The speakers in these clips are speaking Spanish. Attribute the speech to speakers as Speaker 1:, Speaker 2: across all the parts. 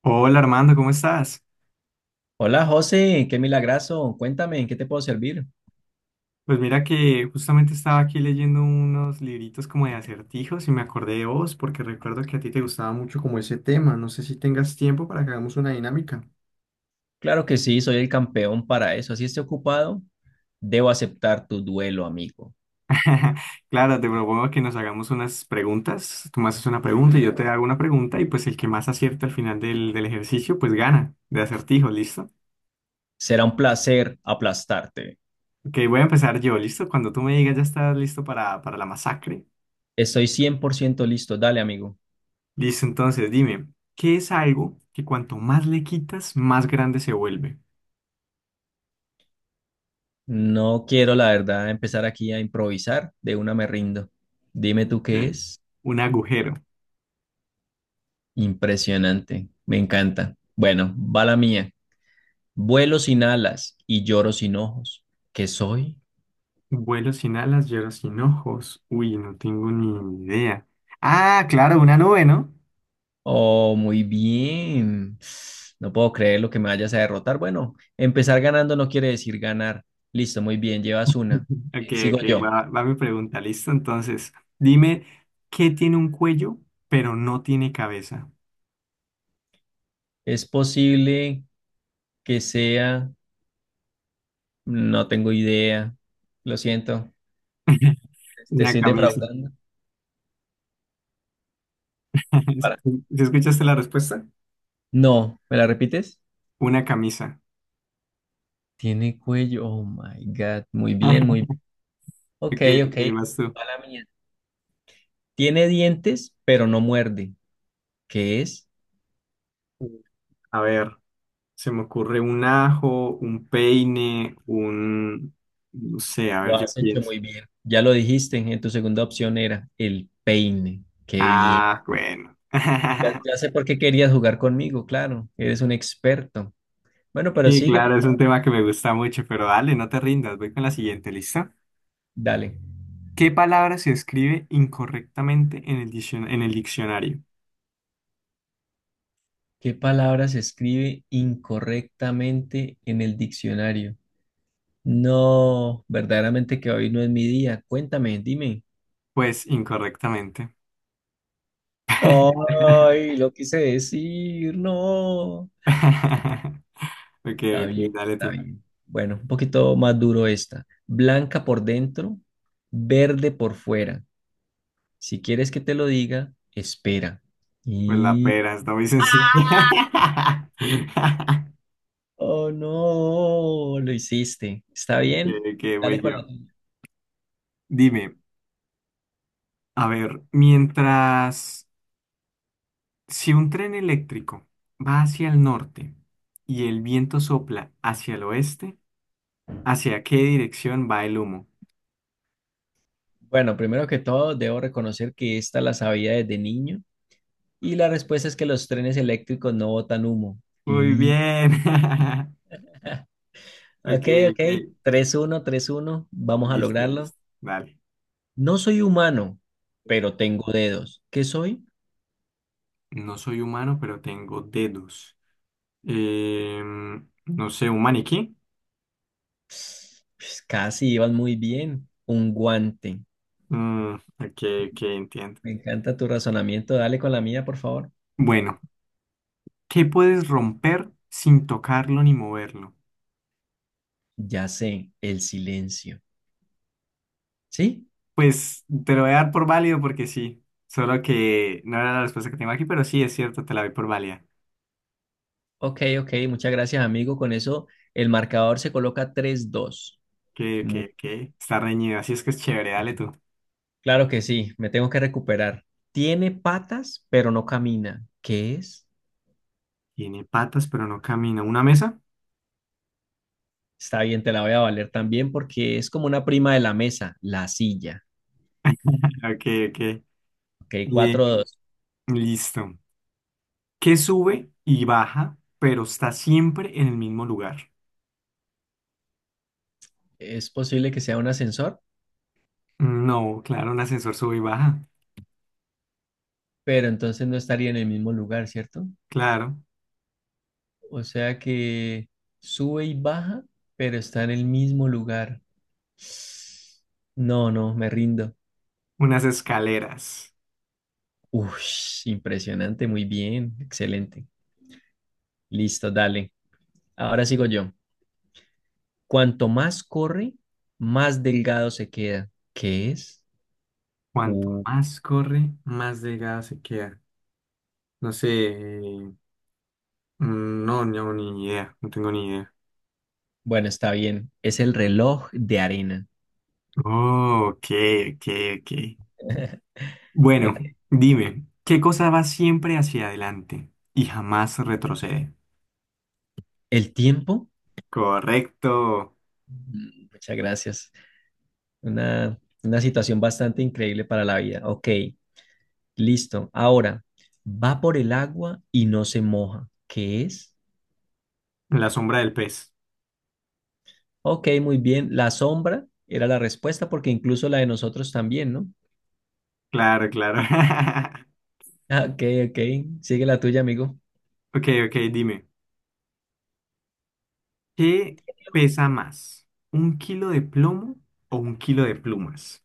Speaker 1: Hola Armando, ¿cómo estás?
Speaker 2: Hola José, qué milagrazo. Cuéntame, ¿en qué te puedo servir?
Speaker 1: Pues mira que justamente estaba aquí leyendo unos libritos como de acertijos y me acordé de vos porque recuerdo que a ti te gustaba mucho como ese tema. No sé si tengas tiempo para que hagamos una dinámica.
Speaker 2: Claro que sí, soy el campeón para eso. Así esté ocupado, debo aceptar tu duelo, amigo.
Speaker 1: Claro, te propongo que nos hagamos unas preguntas. Tú me haces una pregunta y yo te hago una pregunta y pues el que más acierte al final del ejercicio pues gana de acertijos, ¿listo?
Speaker 2: Será un placer aplastarte.
Speaker 1: Ok, voy a empezar yo, ¿listo? Cuando tú me digas ya estás listo para la masacre.
Speaker 2: Estoy 100% listo. Dale, amigo.
Speaker 1: Listo, entonces dime, ¿qué es algo que cuanto más le quitas, más grande se vuelve?
Speaker 2: No quiero, la verdad, empezar aquí a improvisar. De una me rindo. Dime tú qué
Speaker 1: Sí.
Speaker 2: es.
Speaker 1: Un agujero.
Speaker 2: Impresionante. Me encanta. Bueno, va la mía. Vuelo sin alas y lloro sin ojos. ¿Qué soy?
Speaker 1: Vuelo sin alas, lloro sin ojos. Uy, no tengo ni idea. Ah, claro, una nube, ¿no?
Speaker 2: Oh, muy bien. No puedo creer lo que me vayas a derrotar. Bueno, empezar ganando no quiere decir ganar. Listo, muy bien, llevas una.
Speaker 1: Ok,
Speaker 2: Sigo
Speaker 1: ok,
Speaker 2: yo.
Speaker 1: va mi pregunta, listo. Entonces, dime, ¿qué tiene un cuello, pero no tiene cabeza?
Speaker 2: Es posible que sea, no tengo idea. Lo siento. Te
Speaker 1: Una
Speaker 2: estoy
Speaker 1: camisa.
Speaker 2: defraudando.
Speaker 1: ¿Sí
Speaker 2: Para.
Speaker 1: sí escuchaste la respuesta?
Speaker 2: No, ¿me la repites?
Speaker 1: Una camisa.
Speaker 2: Tiene cuello. Oh my God. Muy bien, muy bien. Ok,
Speaker 1: Ok,
Speaker 2: ok.
Speaker 1: ok, vas tú.
Speaker 2: Mala mía. Tiene dientes, pero no muerde. ¿Qué es?
Speaker 1: A ver. Se me ocurre un ajo, un peine, un... No sé, a
Speaker 2: Lo
Speaker 1: ver, yo
Speaker 2: has hecho
Speaker 1: pienso.
Speaker 2: muy bien. Ya lo dijiste, en tu segunda opción era el peine. Qué bien.
Speaker 1: Ah, bueno.
Speaker 2: Ya, ya sé por qué querías jugar conmigo, claro. Eres un experto. Bueno, pero
Speaker 1: Sí,
Speaker 2: sigue, por
Speaker 1: claro, es un
Speaker 2: favor.
Speaker 1: tema que me gusta mucho, pero dale, no te rindas, voy con la siguiente, lista.
Speaker 2: Dale.
Speaker 1: ¿Qué palabra se escribe incorrectamente en en el diccionario?
Speaker 2: ¿Qué palabra se escribe incorrectamente en el diccionario? No, verdaderamente que hoy no es mi día. Cuéntame, dime.
Speaker 1: Pues incorrectamente.
Speaker 2: Ay, lo quise decir, no.
Speaker 1: Ok,
Speaker 2: Está
Speaker 1: ok,
Speaker 2: bien,
Speaker 1: dale
Speaker 2: está
Speaker 1: tú.
Speaker 2: bien. Bueno, un poquito más duro esta. Blanca por dentro, verde por fuera. Si quieres que te lo diga, espera.
Speaker 1: Pues la
Speaker 2: Y...
Speaker 1: pera, está muy sencilla.
Speaker 2: Oh, no, lo hiciste. ¿Está
Speaker 1: Ok,
Speaker 2: bien?
Speaker 1: ok, voy
Speaker 2: Dale con la
Speaker 1: yo.
Speaker 2: tuya.
Speaker 1: Dime, a ver, mientras... Si un tren eléctrico va hacia el norte y el viento sopla hacia el oeste, ¿hacia qué dirección va el humo?
Speaker 2: Bueno, primero que todo, debo reconocer que esta la sabía desde niño. Y la respuesta es que los trenes eléctricos no botan humo.
Speaker 1: Muy
Speaker 2: Y...
Speaker 1: bien. Ok,
Speaker 2: Ok,
Speaker 1: ok.
Speaker 2: ok. 3-1, 3-1. Vamos a
Speaker 1: Listo,
Speaker 2: lograrlo.
Speaker 1: listo. Vale.
Speaker 2: No soy humano, pero tengo dedos. ¿Qué soy?
Speaker 1: No soy humano, pero tengo dedos. No sé, un maniquí.
Speaker 2: Pues casi ibas muy bien. Un guante.
Speaker 1: Mm, ok, ok, entiendo.
Speaker 2: Me encanta tu razonamiento. Dale con la mía, por favor.
Speaker 1: Bueno, ¿qué puedes romper sin tocarlo ni moverlo?
Speaker 2: Ya sé, el silencio. ¿Sí?
Speaker 1: Pues te lo voy a dar por válido porque sí. Solo que no era la respuesta que tengo aquí, pero sí, es cierto, te la doy por válida.
Speaker 2: Ok, ok. Muchas gracias, amigo. Con eso, el marcador se coloca 3-2.
Speaker 1: Que,
Speaker 2: Mu-
Speaker 1: que, que está reñido, así es que es chévere, dale tú.
Speaker 2: Claro que sí, me tengo que recuperar. Tiene patas, pero no camina. ¿Qué es?
Speaker 1: Tiene patas, pero no camina. ¿Una mesa?
Speaker 2: Está bien, te la voy a valer también porque es como una prima de la mesa, la silla.
Speaker 1: Ok, ok.
Speaker 2: Ok,
Speaker 1: Eh,
Speaker 2: 4-2.
Speaker 1: listo. ¿Qué sube y baja, pero está siempre en el mismo lugar?
Speaker 2: Es posible que sea un ascensor,
Speaker 1: No, claro, un ascensor sube y baja.
Speaker 2: pero entonces no estaría en el mismo lugar, ¿cierto?
Speaker 1: Claro,
Speaker 2: O sea que sube y baja, pero está en el mismo lugar. No, no, me rindo.
Speaker 1: unas escaleras.
Speaker 2: Ush, impresionante, muy bien, excelente. Listo, dale. Ahora sigo yo. Cuanto más corre, más delgado se queda. ¿Qué es?
Speaker 1: Cuanto
Speaker 2: Uh,
Speaker 1: más corre, más delgada se queda. No sé. No, no, ni idea, no tengo ni idea.
Speaker 2: bueno, está bien. Es el reloj de arena.
Speaker 1: Oh, ok, ok, ok. Bueno,
Speaker 2: Ok.
Speaker 1: dime, ¿qué cosa va siempre hacia adelante y jamás retrocede?
Speaker 2: ¿El tiempo?
Speaker 1: Correcto,
Speaker 2: Muchas gracias. Una, una situación bastante increíble para la vida. Ok. Listo. Ahora, va por el agua y no se moja. ¿Qué es?
Speaker 1: la sombra del pez.
Speaker 2: Ok, muy bien. La sombra era la respuesta porque incluso la de nosotros también, ¿no?
Speaker 1: Claro, claro.
Speaker 2: Ah, Ok, ok. Sigue la tuya, amigo.
Speaker 1: Ok, ok, dime, ¿qué pesa más? ¿Un kilo de plomo o un kilo de plumas?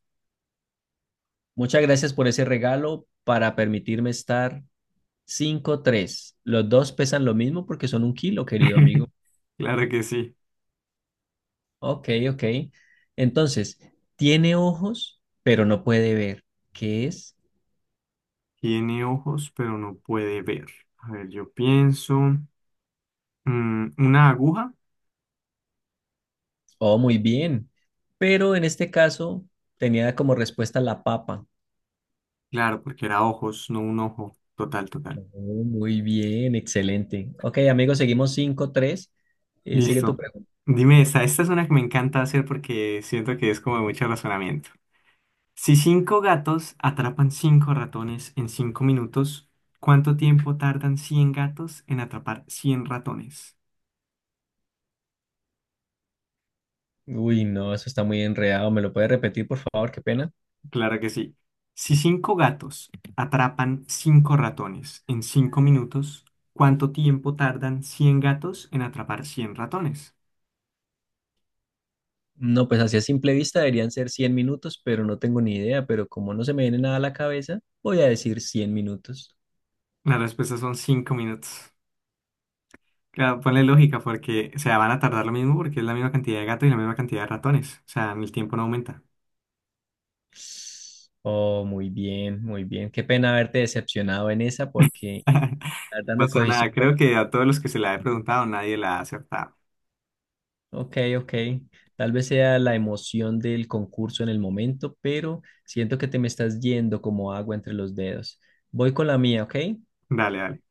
Speaker 2: Muchas gracias por ese regalo para permitirme estar 5-3. Los dos pesan lo mismo porque son un kilo, querido amigo.
Speaker 1: Claro que sí.
Speaker 2: Ok, ok. Entonces, tiene ojos, pero no puede ver. ¿Qué es?
Speaker 1: Tiene ojos, pero no puede ver. A ver, yo pienso, mm, ¿una aguja?
Speaker 2: Oh, muy bien. Pero en este caso tenía como respuesta la papa.
Speaker 1: Claro, porque era ojos, no un ojo. Total, total.
Speaker 2: Oh, muy bien, excelente. Ok, amigos, seguimos 5-3. Sigue tu
Speaker 1: Listo.
Speaker 2: pregunta.
Speaker 1: Dime esta. Esta es una que me encanta hacer porque siento que es como de mucho razonamiento. Si 5 gatos atrapan 5 ratones en 5 minutos, ¿cuánto tiempo tardan 100 gatos en atrapar 100 ratones?
Speaker 2: Uy, no, eso está muy enredado. ¿Me lo puedes repetir, por favor? Qué pena.
Speaker 1: Claro que sí. Si cinco gatos atrapan cinco ratones en cinco minutos, ¿cuánto tiempo tardan 100 gatos en atrapar 100 ratones?
Speaker 2: No, pues así a simple vista deberían ser 100 minutos, pero no tengo ni idea. Pero como no se me viene nada a la cabeza, voy a decir 100 minutos.
Speaker 1: La respuesta son 5 minutos. Claro, ponle lógica, porque, o sea, van a tardar lo mismo porque es la misma cantidad de gatos y la misma cantidad de ratones. O sea, el tiempo no aumenta.
Speaker 2: Oh, muy bien, muy bien. Qué pena haberte decepcionado en esa porque la verdad
Speaker 1: No
Speaker 2: me
Speaker 1: pasa
Speaker 2: cogiste.
Speaker 1: nada, creo que a todos los que se la he preguntado nadie la ha acertado.
Speaker 2: Ok, ok. Tal vez sea la emoción del concurso en el momento, pero siento que te me estás yendo como agua entre los dedos. Voy con la mía, ¿ok?
Speaker 1: Dale, dale.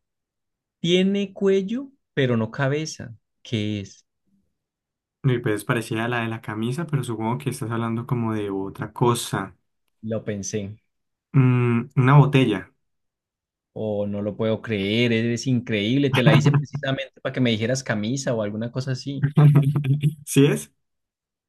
Speaker 2: Tiene cuello, pero no cabeza. ¿Qué es?
Speaker 1: Y pues parecía la de la camisa, pero supongo que estás hablando como de otra cosa.
Speaker 2: Lo pensé.
Speaker 1: Mm, una botella.
Speaker 2: Oh, no lo puedo creer, eres increíble. Te la hice precisamente para que me dijeras camisa o alguna cosa así.
Speaker 1: ¿Sí es?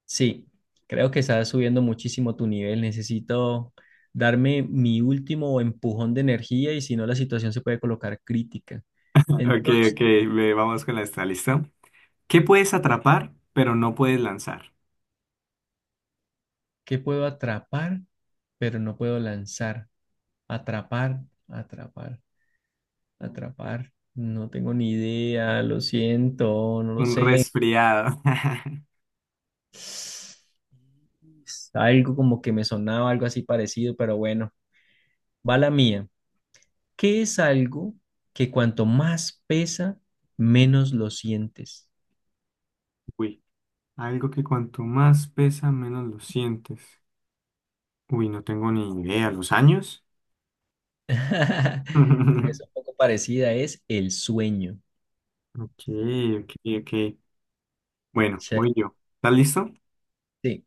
Speaker 2: Sí, creo que estás subiendo muchísimo tu nivel. Necesito darme mi último empujón de energía y si no, la situación se puede colocar crítica.
Speaker 1: Ok,
Speaker 2: Entonces...
Speaker 1: ok, ve, vamos con la esta, ¿listo? ¿Qué puedes atrapar, pero no puedes lanzar?
Speaker 2: que puedo atrapar, pero no puedo lanzar. Atrapar, atrapar, atrapar. No tengo ni idea, lo siento, no lo
Speaker 1: Un
Speaker 2: sé.
Speaker 1: resfriado.
Speaker 2: Algo como que me sonaba algo así parecido, pero bueno, va la mía. ¿Qué es algo que cuanto más pesa, menos lo sientes?
Speaker 1: Uy. Algo que cuanto más pesa, menos lo sientes. Uy, no tengo ni idea. ¿Los años?
Speaker 2: Es un poco parecida, es el sueño.
Speaker 1: Ok, ok, ok.
Speaker 2: O
Speaker 1: Bueno,
Speaker 2: sea,
Speaker 1: voy yo. ¿Estás listo?
Speaker 2: sí,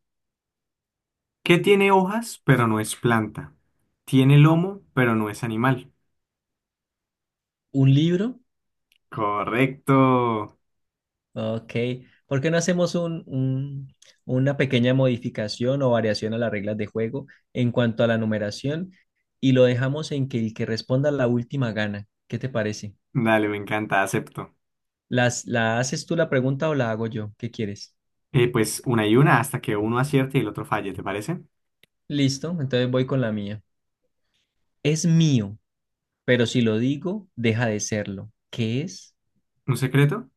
Speaker 1: ¿Qué tiene hojas, pero no es planta? Tiene lomo, pero no es animal.
Speaker 2: un libro.
Speaker 1: Correcto.
Speaker 2: Ok, ¿por qué no hacemos una pequeña modificación o variación a las reglas de juego en cuanto a la numeración y lo dejamos en que el que responda la última gana? ¿Qué te parece?
Speaker 1: Dale, me encanta, acepto.
Speaker 2: ¿La haces tú la pregunta o la hago yo? ¿Qué quieres?
Speaker 1: Pues una y una hasta que uno acierte y el otro falle, ¿te parece?
Speaker 2: Listo, entonces voy con la mía. Es mío, pero si lo digo, deja de serlo. ¿Qué es?
Speaker 1: ¿Un secreto?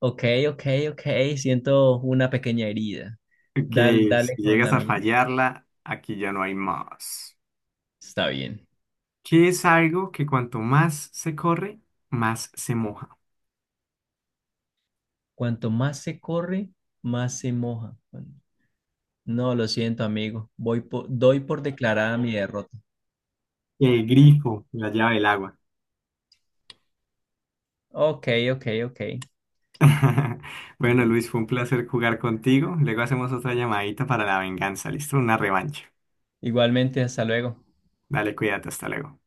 Speaker 2: Ok, ok, ok, siento una pequeña herida.
Speaker 1: Ok, si
Speaker 2: Dale con
Speaker 1: llegas
Speaker 2: la
Speaker 1: a
Speaker 2: mía.
Speaker 1: fallarla, aquí ya no hay más.
Speaker 2: Está bien.
Speaker 1: ¿Qué es algo que cuanto más se corre, más se moja?
Speaker 2: Cuanto más se corre, más se moja. No, lo siento, amigo. Doy por declarada mi derrota.
Speaker 1: El grifo, la llave del agua.
Speaker 2: Ok, ok, ok.
Speaker 1: Bueno, Luis, fue un placer jugar contigo. Luego hacemos otra llamadita para la venganza, ¿listo? Una revancha.
Speaker 2: Igualmente, hasta luego.
Speaker 1: Dale, cuídate, hasta luego.